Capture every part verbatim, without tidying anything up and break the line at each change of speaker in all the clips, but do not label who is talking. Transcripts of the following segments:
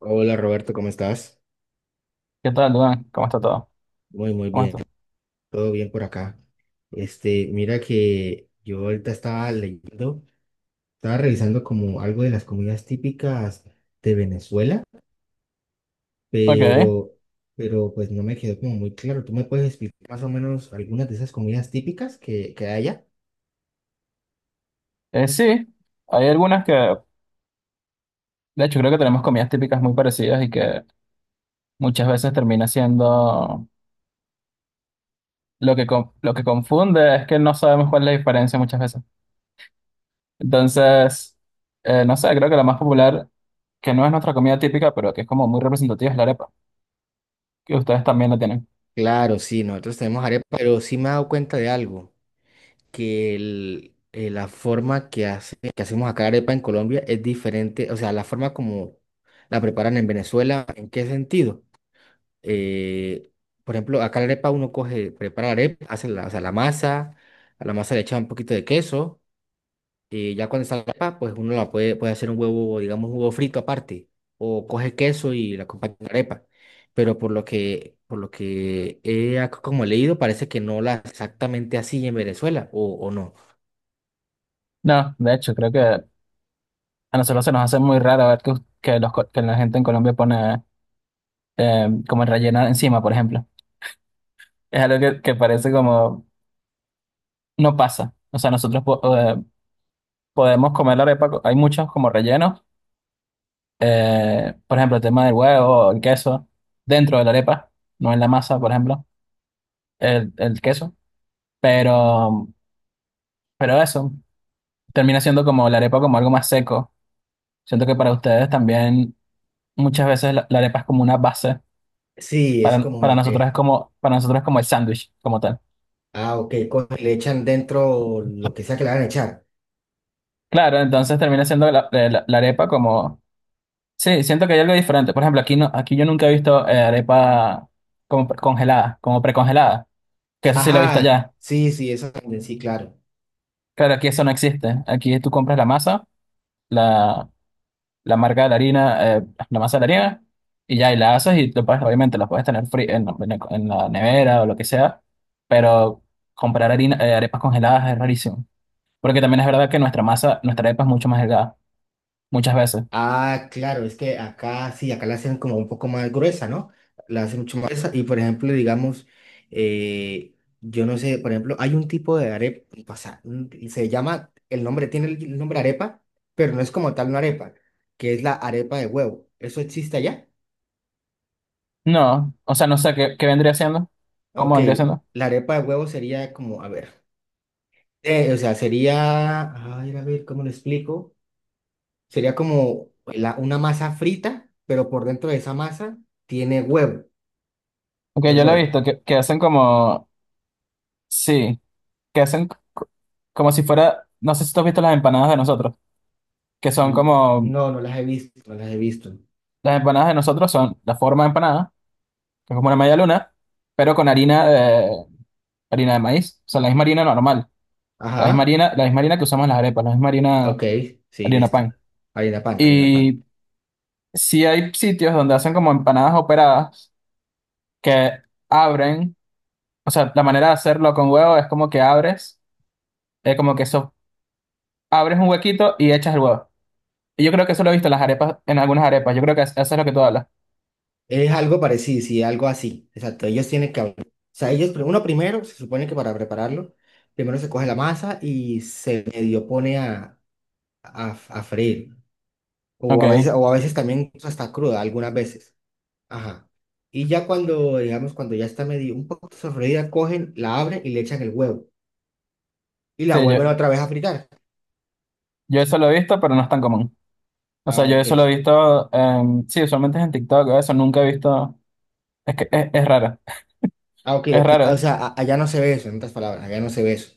Hola Roberto, ¿cómo estás?
¿Qué tal, Duan? ¿Cómo está todo?
Muy, muy
¿Cómo
bien,
está?
todo bien por acá. Este, mira que yo ahorita estaba leyendo, estaba revisando como algo de las comidas típicas de Venezuela,
Ok.
pero, pero pues no me quedó como muy claro. ¿Tú me puedes explicar más o menos algunas de esas comidas típicas que, que hay allá?
Eh, sí, hay algunas que, de hecho, creo que tenemos comidas típicas muy parecidas y que muchas veces termina siendo lo que, con- lo que confunde es que no sabemos cuál es la diferencia muchas veces. Entonces, eh, no sé, creo que la más popular, que no es nuestra comida típica, pero que es como muy representativa, es la arepa, que ustedes también la tienen.
Claro, sí, nosotros tenemos arepa, pero sí me he dado cuenta de algo. Que el- eh, la forma que, hace, que hacemos acá arepa en Colombia es diferente, o sea, la forma como la preparan en Venezuela, ¿en qué sentido? Eh, por ejemplo, acá la arepa uno coge, prepara la arepa, hace la, o sea, la masa, a la masa le echa un poquito de queso, y ya cuando está la arepa, pues uno la puede, puede hacer un huevo, digamos, un huevo frito aparte, o coge queso y la acompaña con arepa. Pero por lo que, por lo que he ac- como leído, parece que no la exactamente así en Venezuela, o, o no.
No, de hecho, creo que a nosotros se nos hace muy raro ver que, que, los, co- que la gente en Colombia pone eh, como rellena encima, por ejemplo. Es algo que, que parece como no pasa. O sea, nosotros po- eh, podemos comer la arepa. co- Hay muchos como rellenos. Eh, por ejemplo, el tema del huevo, el queso, dentro de la arepa, no en la masa, por ejemplo, el, el queso. Pero, pero eso termina siendo como la arepa como algo más seco. Siento que para ustedes también muchas veces la, la arepa es como una base.
Sí, es
Para,
como
para
una... eh,
nosotros es como, para nosotros es como el sándwich, como tal.
Ah, ok, co- le echan dentro lo que sea que le van a echar.
Claro, entonces termina siendo la, la la arepa como sí, siento que hay algo diferente. Por ejemplo, aquí no, aquí yo nunca he visto eh, arepa como pre- congelada, como precongelada, que eso sí lo he visto
Ajá,
allá.
sí, sí, eso también, sí, claro.
Claro, aquí eso no existe. Aquí tú compras la masa, la, la marca de la harina, eh, la masa de la harina, y ya, y la haces y lo puedes- obviamente la puedes tener fría en, en- la en la nevera o lo que sea, pero comprar harina, eh, arepas congeladas es rarísimo. Porque también es verdad que nuestra masa, nuestra arepa es mucho más delgada, muchas veces.
Ah, claro, es que acá sí, acá la hacen como un poco más gruesa, ¿no? La hacen mucho más gruesa. Y por ejemplo, digamos, eh, yo no sé, por ejemplo, hay un tipo de arepa, o sea, un- se llama, el nombre tiene el el nombre arepa, pero no es como tal una arepa, que es la arepa de huevo. ¿Eso existe allá?
No, o sea, no sé qué, qué vendría siendo, cómo
Ok,
vendría siendo.
la arepa de huevo sería como, a ver. Eh, o sea, sería, ay, a ver, ¿cómo lo explico? Sería como la- una masa frita, pero por dentro de esa masa tiene huevo,
Aunque
tiene
yo lo he
huevo.
visto, que, que hacen como, sí, que hacen co- como si fuera, no sé si tú has visto las empanadas de nosotros, que son
Mm,
como,
no, no las he visto, no las he visto.
las empanadas de nosotros son la forma de empanada, que es como una media luna, pero con harina de, harina de maíz, o sea, la misma harina normal, la misma
Ajá,
harina, la misma harina que usamos en las arepas, la misma harina,
ok, sí,
harina
listo.
pan.
Harina pan, harina pan.
Y sí hay sitios donde hacen como empanadas operadas que abren, o sea, la manera de hacerlo con huevo es como que abres, eh, como que eso, abres un huequito y echas el huevo. Y yo creo que eso lo he visto en las arepas, en algunas arepas. Yo creo que es- eso es lo que tú hablas.
Es algo parecido, sí, algo así. Exacto, ellos tienen que abrir. O sea, ellos, pri- uno primero, se supone que para prepararlo, primero se coge la masa y se medio pone a, a, a freír. O a veces,
Ok.
o a veces también incluso está cruda, algunas veces. Ajá. Y ya cuando, digamos, cuando ya está medio un poco sofreída, cogen, la abren y le echan el huevo. Y la
Sí, yo,
vuelven otra vez a fritar.
yo eso lo he visto, pero no es tan común. O sea,
Ah,
yo
ok.
eso lo he visto, em, sí, usualmente es en TikTok, o eso nunca he visto. Es que es, es raro.
Ah, ok.
Es
O
raro.
sea, a- allá no se ve eso, en otras palabras, allá no se ve eso.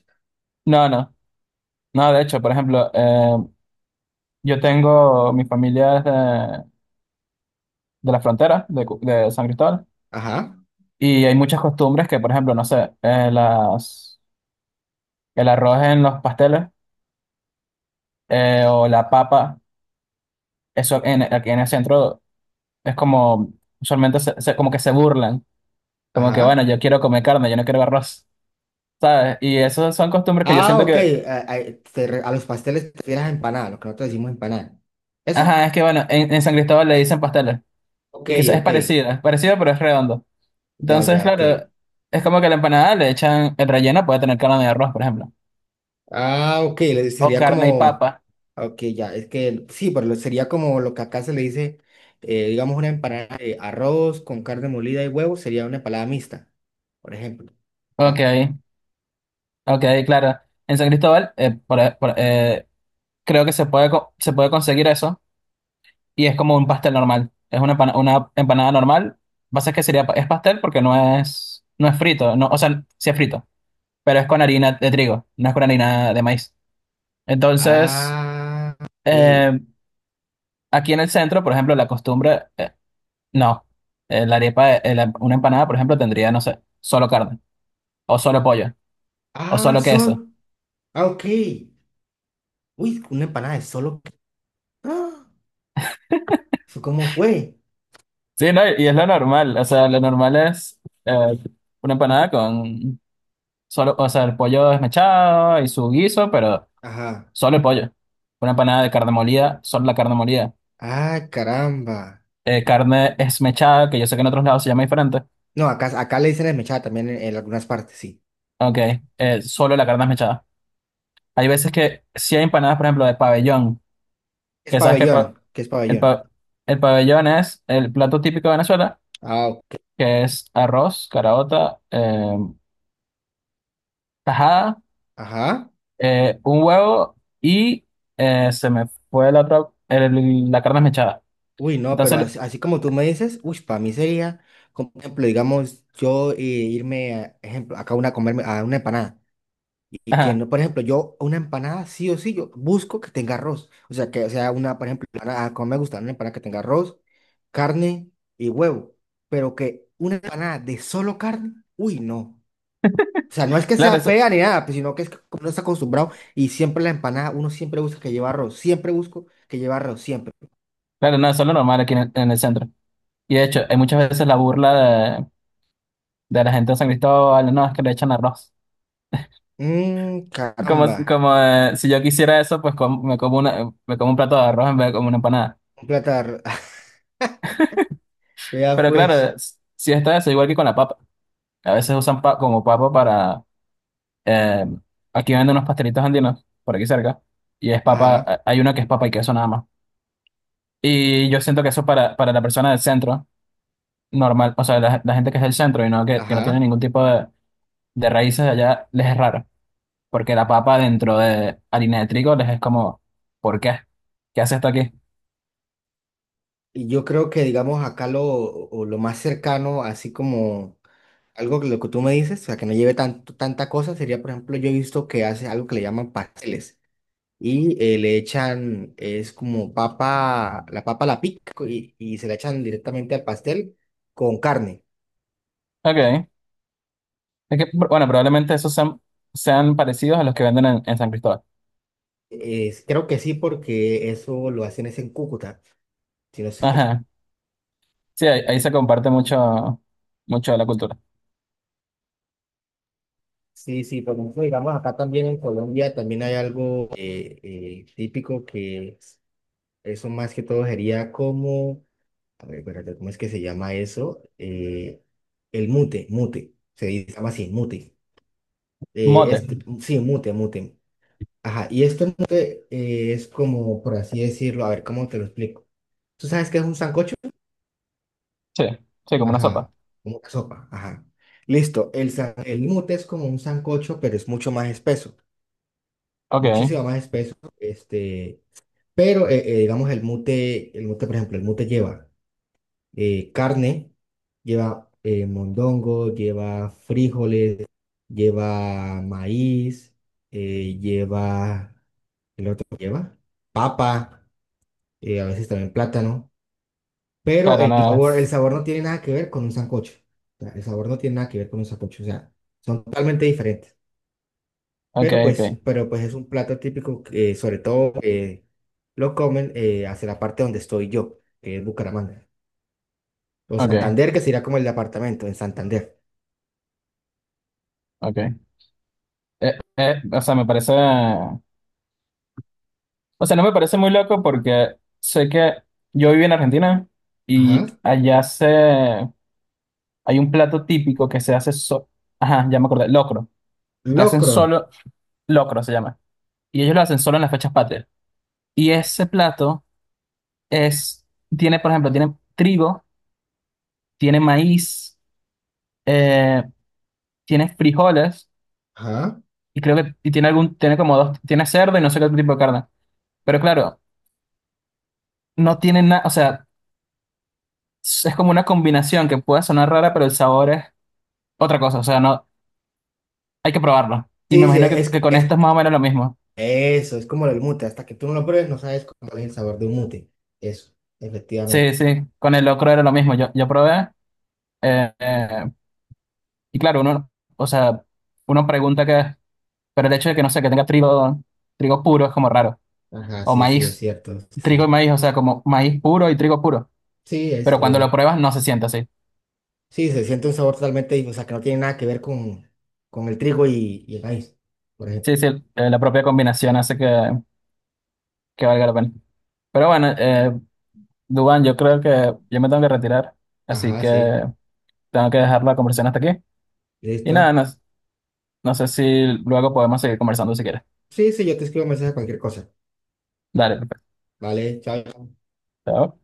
No, no. No, de hecho, por ejemplo, em, yo tengo, mi familia es de, de la frontera, de, Cu- de San Cristóbal,
Ajá,
y hay muchas costumbres que, por ejemplo, no sé, eh, las, el arroz en los pasteles eh, o la papa, eso en, aquí en el centro. Es como, usualmente se- se- como que se burlan, como que, bueno,
ajá.
yo quiero comer carne, yo no quiero arroz, ¿sabes? Y esas son costumbres que yo
Ah,
siento
ok.
que,
A, a- te re- a los pasteles te refieres a empanada, lo que nosotros decimos empanada. ¿Eso?
ajá, es que, bueno, en, en San Cristóbal le dicen pasteles,
Ok,
y que es es
ok.
parecido, es parecido, pero es redondo.
Ya,
Entonces,
ya, ok.
claro, es como que a la empanada le echan, el relleno puede tener carne de arroz, por ejemplo,
Ah, ok, le-
o
sería
carne y
como,
papa.
ah, ok, ya, es que sí, pero lo- sería como lo que acá se le dice, eh, digamos, una empanada de arroz con carne molida y huevo, sería una empanada mixta, por ejemplo.
Ok,
Acá.
ok, claro. En San Cristóbal, eh, por- por- eh, creo que se puede, co- se puede conseguir eso y es como un pastel normal. Es una, empana- una empanada normal. Pasa es que sería, pa- es pastel porque no es, no es frito, no, o sea, sí es frito, pero es con harina de trigo, no es con harina de maíz. Entonces,
Ah, ok.
eh, aquí en el centro, por ejemplo, la costumbre, eh, no, Eh, la arepa, eh, la- una empanada, por ejemplo, tendría, no sé, solo carne, o solo pollo, o
Ah,
solo queso.
sol. Ah, ok. Uy, una empanada de solo. Ah, ¿eso ¿cómo fue?
Sí, no, y es lo normal, o sea, lo normal es eh, una empanada con solo, o sea, el pollo desmechado y su guiso, pero...
Ajá.
solo el pollo. Una empanada de carne molida, solo la carne molida.
Ah, caramba.
Eh, carne esmechada, que yo sé que en otros lados se llama diferente.
No, acá, acá le dicen desmechada también en, en algunas partes, sí.
Ok, eh, solo la carne esmechada. Hay veces que si hay empanadas, por ejemplo, de pabellón,
Es
que sabes que el, pa-
pabellón, ¿qué es
el
pabellón?
pa- el pabellón es el plato típico de Venezuela,
Ah, ok.
que es arroz, caraota, eh, tajada,
Ajá.
eh, un huevo y eh, se me fue la otra, el- la carne esmechada.
Uy, no, pero
Entonces,
as- así, como tú me dices, uy, para mí sería, como por ejemplo, digamos, yo eh, irme, a, ejemplo, acá una a comerme a una empanada. Y que
ajá,
no, por ejemplo, yo una empanada sí o sí, yo busco que tenga arroz. O sea, que sea una, por ejemplo, empanada, como me gusta, una empanada que tenga arroz, carne y huevo. Pero que una empanada de solo carne, uy, no. O sea, no es que
claro,
sea
eso-
fea ni nada, pues, sino que es que como uno está acostumbrado y siempre la empanada, uno siempre busca que lleva arroz, siempre busco que lleva arroz, siempre.
claro, no, eso es lo normal aquí en el en el centro. Y de hecho, hay muchas veces la burla de, de la gente de San Cristóbal, no, es que le echan arroz.
Mmm,
Como,
caramba.
como eh, si yo quisiera eso, pues com- me como una, me como un plato de arroz en vez de como una empanada.
Platar, vea
Pero
pues,
claro, s- si está eso, igual que con la papa. A veces usan pa- como papa para... eh, aquí venden unos pastelitos andinos, por aquí cerca, y es papa,
ajá,
eh, hay uno que es papa y queso nada más. Y yo siento que eso para, para la persona del centro, normal, o sea, la, la gente que es del centro y no, que, que no tiene
ajá.
ningún tipo de, de raíces allá, les es raro. Porque la papa dentro de harina de trigo les es como, ¿por qué? ¿Qué hace esto aquí?
Y yo creo que, digamos, acá lo, o lo más cercano, así como algo que lo que tú me dices, o sea, que no lleve tanto, tanta cosa, sería, por ejemplo, yo he visto que hace algo que le llaman pasteles y eh, le echan, es como papa, la papa la pica y, y se la echan directamente al pastel con carne.
Ok. Es que, bueno, probablemente esos sean, sean parecidos a los que venden en, en San Cristóbal.
Es- creo que sí, porque eso lo hacen es en Cúcuta, si no.
Ajá. Sí, ahí, ahí se comparte mucho, mucho de la cultura.
Sí, sí, por ejemplo, digamos, acá también en Colombia también hay algo eh, eh, típico que es- eso más que todo sería como, a ver, espérate, ¿cómo es que se llama eso? Eh, el mute, mute, se dice- se llama así, mute. Eh, este,
Mote.
sí, mute, mute. Ajá, y este mute eh, es como, por así decirlo, a ver, ¿cómo te lo explico? ¿Tú sabes qué es un sancocho?
Sí, sí, como una sopa.
Ajá, como una sopa, ajá. Listo, el, san- el mute es como un sancocho, pero es mucho más espeso.
Ok.
Muchísimo más espeso, este, pero eh, eh, digamos el mute, el mute, por ejemplo, el mute lleva eh, carne, lleva eh, mondongo, lleva frijoles, lleva maíz, eh, lleva, el otro lleva papa, eh, a veces también plátano, pero
Claro,
el
no
sabor, el
es
sabor no tiene nada que ver con un sancocho, o sea, el sabor no tiene nada que ver con un sancocho, o sea, son totalmente diferentes.
ok,
Pero
ok,
pues, pero pues es un plato típico que sobre todo eh, lo comen eh, hacia la parte donde estoy yo, que es Bucaramanga. O
ok,
Santander, que sería como el departamento en Santander.
ok. Eh, eh, o sea, me parece... O sea, no me parece muy loco porque sé que yo viví en Argentina y
Ajá.
allá se... hay un plato típico que se hace so ajá, ya me acordé, locro, que hacen
Locron.
solo, locro se llama, y ellos lo hacen solo en las fechas patrias. Y ese plato es, tiene, por ejemplo, tiene trigo, tiene maíz, eh, tiene frijoles,
Ajá.
y creo que y tiene algún, tiene como dos, tiene cerdo y no sé qué otro tipo de carne. Pero claro, no tiene nada, o sea, es como una combinación que puede sonar rara, pero el sabor es otra cosa, o sea, no, hay que probarlo. Y me
Sí, sí,
imagino que,
es,
que con
es
esto es más o menos lo mismo.
eso, es como el mute. Hasta que tú no lo pruebes, no sabes cuál es el sabor de un mute. Eso,
Sí,
efectivamente.
sí, con el locro era lo mismo. Yo, yo probé. Eh, eh, y claro, uno, o sea, uno pregunta que, pero el hecho de que no sé, que tenga trigo, trigo puro es como raro.
Ajá,
O
sí, sí, es
maíz,
cierto.
trigo y
Sí.
maíz, o sea, como maíz puro y trigo puro.
Sí, es,
Pero cuando lo
eh,
pruebas no se siente así.
sí, se siente un sabor totalmente, dif- o sea, que no tiene nada que ver con, con el trigo y, y el maíz, por ejemplo.
Sí, sí, eh, la propia combinación hace que, que valga la pena. Pero bueno, eh, Dubán, yo creo que yo me tengo que retirar, así
Ajá,
que
sí.
tengo que dejar la conversación hasta aquí. Y nada,
Listo.
no, no sé si luego podemos seguir conversando si quieres.
Sí, sí, yo te escribo un mensaje cualquier cosa.
Dale, perfecto.
Vale, chao,
Chao.